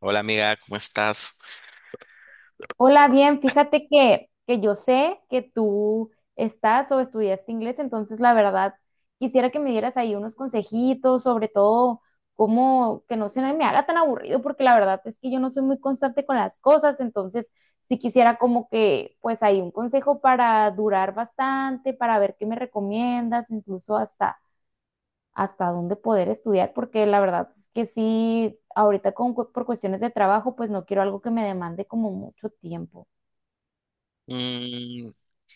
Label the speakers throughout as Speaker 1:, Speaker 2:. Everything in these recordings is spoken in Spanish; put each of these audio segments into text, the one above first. Speaker 1: Hola amiga, ¿cómo estás?
Speaker 2: Hola, bien, fíjate que yo sé que tú estás o estudiaste inglés, entonces la verdad quisiera que me dieras ahí unos consejitos, sobre todo cómo que no se me haga tan aburrido, porque la verdad es que yo no soy muy constante con las cosas, entonces sí quisiera como que pues ahí un consejo para durar bastante, para ver qué me recomiendas, incluso hasta dónde poder estudiar, porque la verdad es que sí, ahorita por cuestiones de trabajo, pues no quiero algo que me demande como mucho tiempo.
Speaker 1: Mm,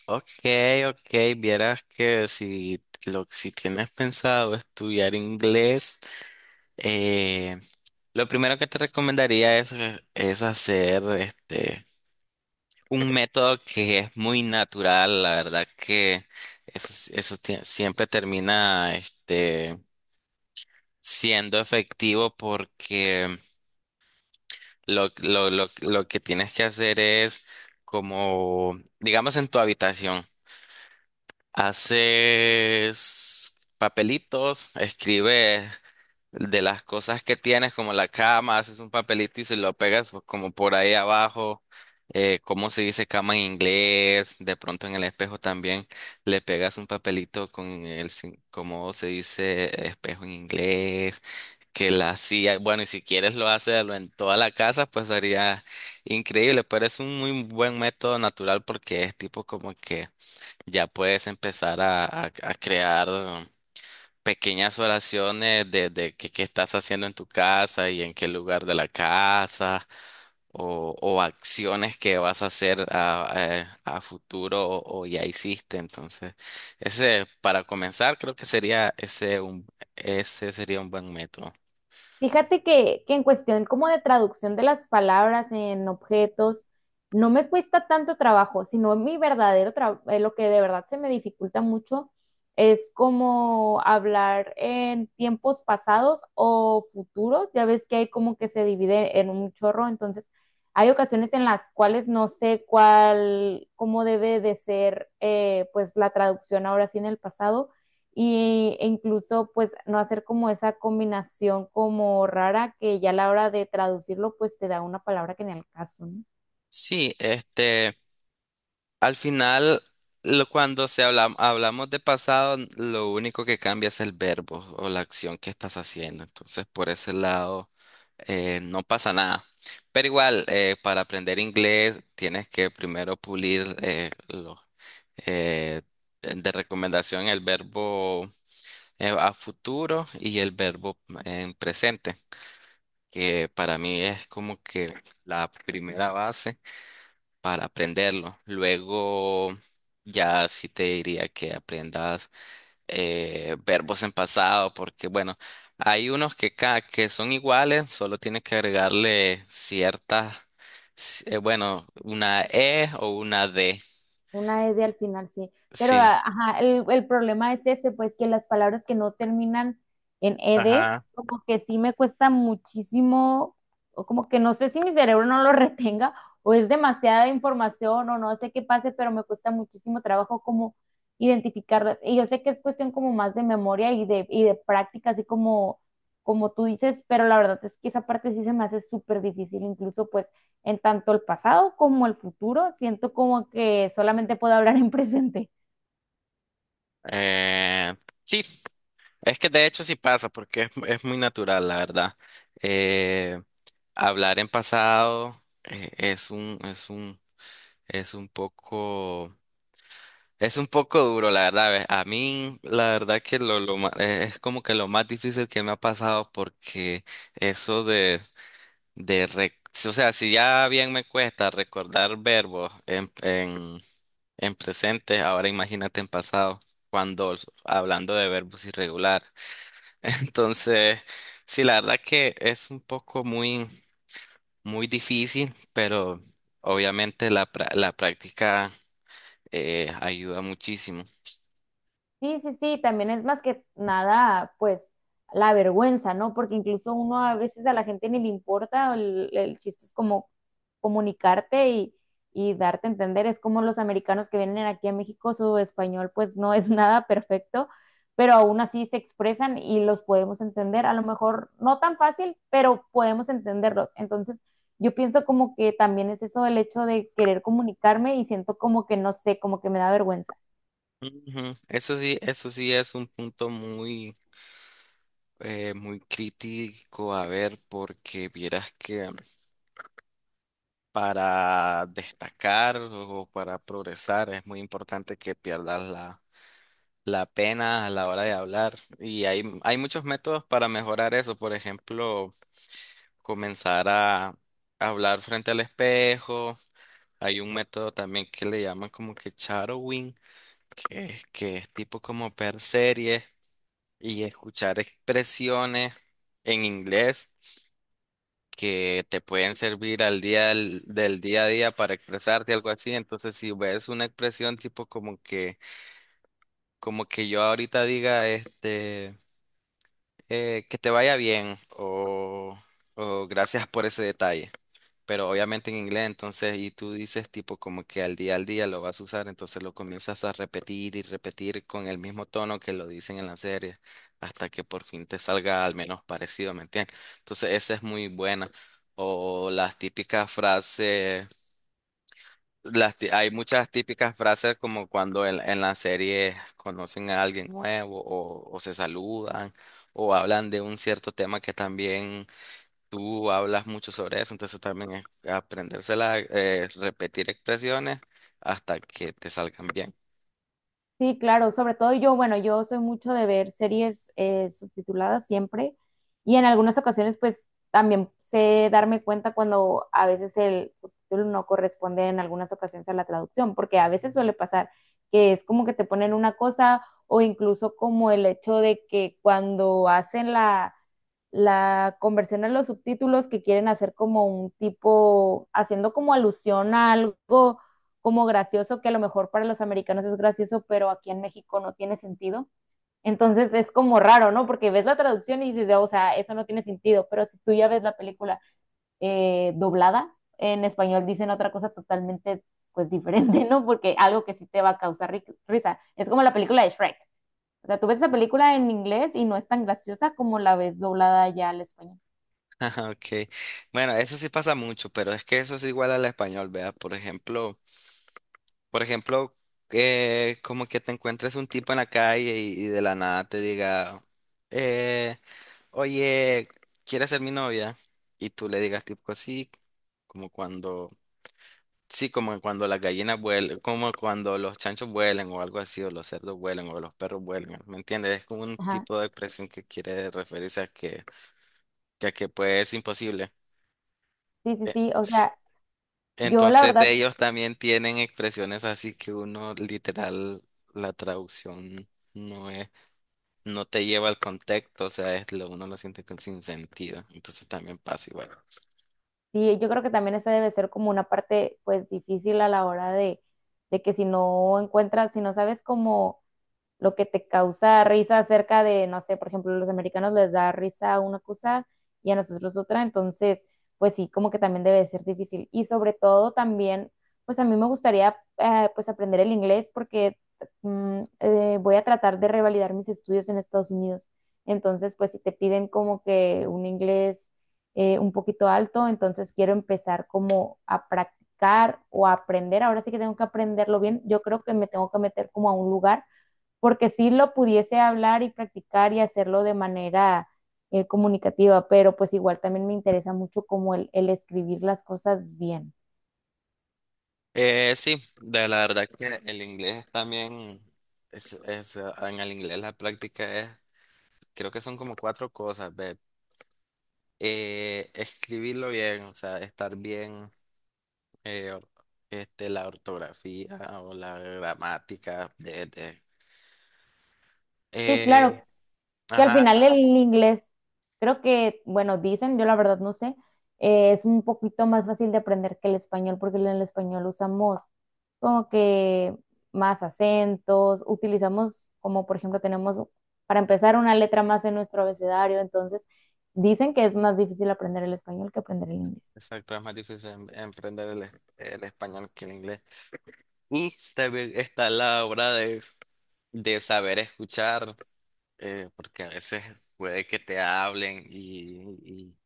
Speaker 1: ok, ok, vieras que si, si tienes pensado estudiar inglés, eh, lo primero que te recomendaría es hacer un método que es muy natural, la verdad que eso, eso siempre termina siendo efectivo porque lo que tienes que hacer es como, digamos, en tu habitación. Haces papelitos, escribes de las cosas que tienes, como la cama, haces un papelito y se lo pegas como por ahí abajo. ¿Cómo se dice cama en inglés? De pronto en el espejo también le pegas un papelito con el, sin- ¿cómo se dice espejo en inglés? Que la silla, bueno, y si quieres lo haces lo en toda la casa, pues sería increíble, pero es un muy buen método natural porque es tipo como que ya puedes empezar a crear pequeñas oraciones de qué estás haciendo en tu casa y en qué lugar de la casa o acciones que vas a hacer a futuro o ya hiciste. Entonces, ese para comenzar creo que sería ese sería un buen método.
Speaker 2: Fíjate que en cuestión como de traducción de las palabras en objetos, no me cuesta tanto trabajo, sino mi verdadero trabajo, lo que de verdad se me dificulta mucho es como hablar en tiempos pasados o futuros. Ya ves que hay como que se divide en un chorro, entonces hay ocasiones en las cuales no sé cuál, cómo debe de ser pues la traducción ahora sí en el pasado y, e incluso pues no hacer como esa combinación como rara que ya a la hora de traducirlo pues te da una palabra que ni al caso, ¿no?
Speaker 1: Sí, este. Al final, cuando hablamos de pasado, lo único que cambia es el verbo o la acción que estás haciendo. Entonces, por ese lado, no pasa nada. Pero igual, para aprender inglés, tienes que primero pulir eh, de recomendación el verbo a futuro y el verbo en presente, que para mí es como que la primera base para aprenderlo. Luego ya sí te diría que aprendas verbos en pasado, porque bueno, hay unos que son iguales, solo tienes que agregarle bueno, una E o una D.
Speaker 2: Una S al final, sí. Pero,
Speaker 1: Sí.
Speaker 2: a- ajá, el problema es ese, pues que las palabras que no terminan en ED,
Speaker 1: Ajá.
Speaker 2: como que sí me cuesta muchísimo, o como que no sé si mi cerebro no lo retenga, o es demasiada información, o no sé qué pase, pero me cuesta muchísimo trabajo como identificarlas. Y yo sé que es cuestión como más de memoria y de práctica, así como, como tú dices, pero la verdad es que esa parte sí se me hace súper difícil, incluso pues en tanto el pasado como el futuro. Siento como que solamente puedo hablar en presente.
Speaker 1: Eh, sí, es que de hecho sí pasa, porque es muy natural, la verdad. Eh, hablar en pasado es un poco. Es un poco duro, la verdad. A mí, la verdad que es como que lo más difícil que me ha pasado porque eso de re- o sea, si ya bien me cuesta recordar verbos en presente, ahora imagínate en pasado, cuando hablando de verbos irregulares. Entonces, sí, la verdad que es un poco muy difícil, pero obviamente la práctica ayuda muchísimo.
Speaker 2: Sí, sí, sí, también es más que nada, pues, la vergüenza, ¿no? Porque incluso uno a veces a la gente ni le importa, el chiste es como comunicarte y darte a entender, es como los americanos que vienen aquí a México, su español pues no es nada perfecto, pero aún así se expresan y los podemos entender, a lo mejor no tan fácil, pero podemos entenderlos. Entonces, yo pienso como que también es eso el hecho de querer comunicarme y siento como que no sé, como que me da vergüenza.
Speaker 1: Ujú. Eso sí es un punto muy crítico a ver, porque vieras que para destacar o para progresar es muy importante que pierdas la, la pena a la hora de hablar. Y hay muchos métodos para mejorar eso. Por ejemplo, comenzar a hablar frente al espejo. Hay un método también que le llaman como que shadowing, que que es tipo como per series y escuchar expresiones en inglés que te pueden servir al día del día a día para expresarte algo así. Entonces, si ves una expresión tipo como que yo ahorita diga, que te vaya bien o gracias por ese detalle, pero obviamente en inglés. Entonces, y tú dices tipo como que al día lo vas a usar, entonces lo comienzas a repetir y repetir con el mismo tono que lo dicen en la serie, hasta que por fin te salga al menos parecido, ¿me entiendes? Entonces, esa es muy buena. O las típicas frases, hay muchas típicas frases como cuando en la serie conocen a alguien nuevo o se saludan o hablan de un cierto tema que también. Tú hablas mucho sobre eso, entonces también es aprendérsela, repetir expresiones hasta que te salgan bien.
Speaker 2: Sí, claro, sobre todo yo, bueno, yo soy mucho de ver series subtituladas siempre y en algunas ocasiones pues también sé darme cuenta cuando a veces el subtítulo no corresponde en algunas ocasiones a la traducción, porque a veces suele pasar que es como que te ponen una cosa o incluso como el hecho de que cuando hacen la conversión a los subtítulos que quieren hacer como un tipo, haciendo como alusión a algo como gracioso, que a lo mejor para los americanos es gracioso, pero aquí en México no tiene sentido. Entonces es como raro, ¿no? Porque ves la traducción y dices, o sea, eso no tiene sentido, pero si tú ya ves la película doblada, en español dicen otra cosa totalmente pues diferente, ¿no? Porque algo que sí te va a causar ri risa. Es como la película de Shrek. O sea, tú ves esa película en inglés y no es tan graciosa como la ves doblada ya al español.
Speaker 1: Okay. Bueno, eso sí pasa mucho, pero es que eso es igual al español, ¿verdad? Por ejemplo, como que te encuentres un tipo en la calle y de la nada te diga, eh, oye, ¿quieres ser mi novia? Y tú le digas tipo así, como cuando. Sí, como cuando las gallinas vuelan, como cuando los chanchos vuelan o algo así, o los cerdos vuelan o los perros vuelan, ¿me entiendes? Es como un
Speaker 2: Ajá.
Speaker 1: tipo de expresión que quiere referirse a que, a que pues es imposible.
Speaker 2: Sí, sí, sí. O
Speaker 1: Sí.
Speaker 2: sea, yo la
Speaker 1: Entonces
Speaker 2: verdad.
Speaker 1: ellos también tienen expresiones así que uno literal, la traducción no es, no te lleva al contexto, o sea, es lo, uno lo siente sin sentido, entonces también pasa igual.
Speaker 2: Sí, yo creo que también esa debe ser como una parte pues difícil a la hora de que si no encuentras, si no sabes cómo lo que te causa risa acerca de, no sé, por ejemplo, los americanos les da risa a una cosa y a nosotros otra, entonces, pues sí, como que también debe de ser difícil. Y sobre todo también, pues a mí me gustaría pues aprender el inglés porque voy a tratar de revalidar mis estudios en Estados Unidos. Entonces, pues si te piden como que un inglés un poquito alto, entonces quiero empezar como a practicar o a aprender. Ahora sí que tengo que aprenderlo bien. Yo creo que me tengo que meter como a un lugar porque sí lo pudiese hablar y practicar y hacerlo de manera comunicativa, pero pues igual también me interesa mucho como el escribir las cosas bien.
Speaker 1: Sí, de la verdad que el inglés también, en el inglés la práctica es, creo que son como cuatro cosas, ve. Escribirlo bien, o sea, estar bien, eh, or- la ortografía o la gramática
Speaker 2: Sí, claro,
Speaker 1: eh,
Speaker 2: que al
Speaker 1: ajá,
Speaker 2: final el inglés, creo que, bueno, dicen, yo la verdad no sé, es un poquito más fácil de aprender que el español, porque en el español usamos como que más acentos, utilizamos como por ejemplo tenemos para empezar una letra más en nuestro abecedario, entonces dicen que es más difícil aprender el español que aprender el inglés.
Speaker 1: exacto, es más difícil emprender el español que el inglés. Y también está la obra de saber escuchar porque a veces puede que te hablen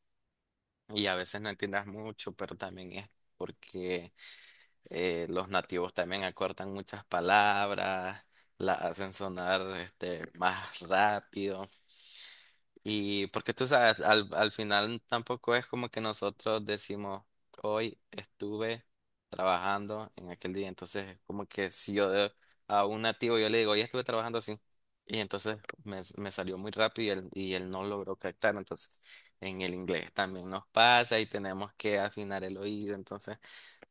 Speaker 1: y a veces no entiendas mucho, pero también es porque los nativos también acortan muchas palabras, las hacen sonar este, más rápido. Y porque tú sabes, al, al final tampoco es como que nosotros decimos, hoy estuve trabajando en aquel día. Entonces, es como que si yo a un nativo yo le digo, hoy estuve trabajando así. Y entonces me salió muy rápido y él no logró captar. Entonces, en el inglés también nos pasa y tenemos que afinar el oído. Entonces,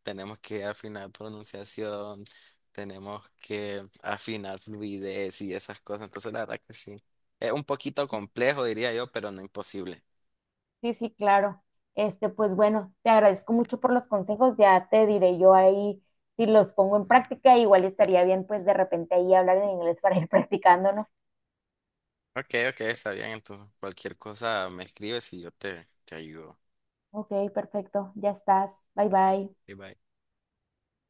Speaker 1: tenemos que afinar pronunciación, tenemos que afinar fluidez y esas cosas. Entonces, la verdad que sí. Es un poquito complejo, diría yo, pero no imposible.
Speaker 2: Sí, sí, claro. Este, pues bueno, te agradezco mucho por los consejos. Ya te diré yo ahí si los pongo en práctica. Igual estaría bien, pues de repente ahí hablar en inglés para ir practicando, ¿no?
Speaker 1: Ok, ok, está bien. Entonces, cualquier cosa me escribes y yo te ayudo.
Speaker 2: Ok, perfecto. Ya estás. Bye
Speaker 1: Ok,
Speaker 2: bye.
Speaker 1: bye bye.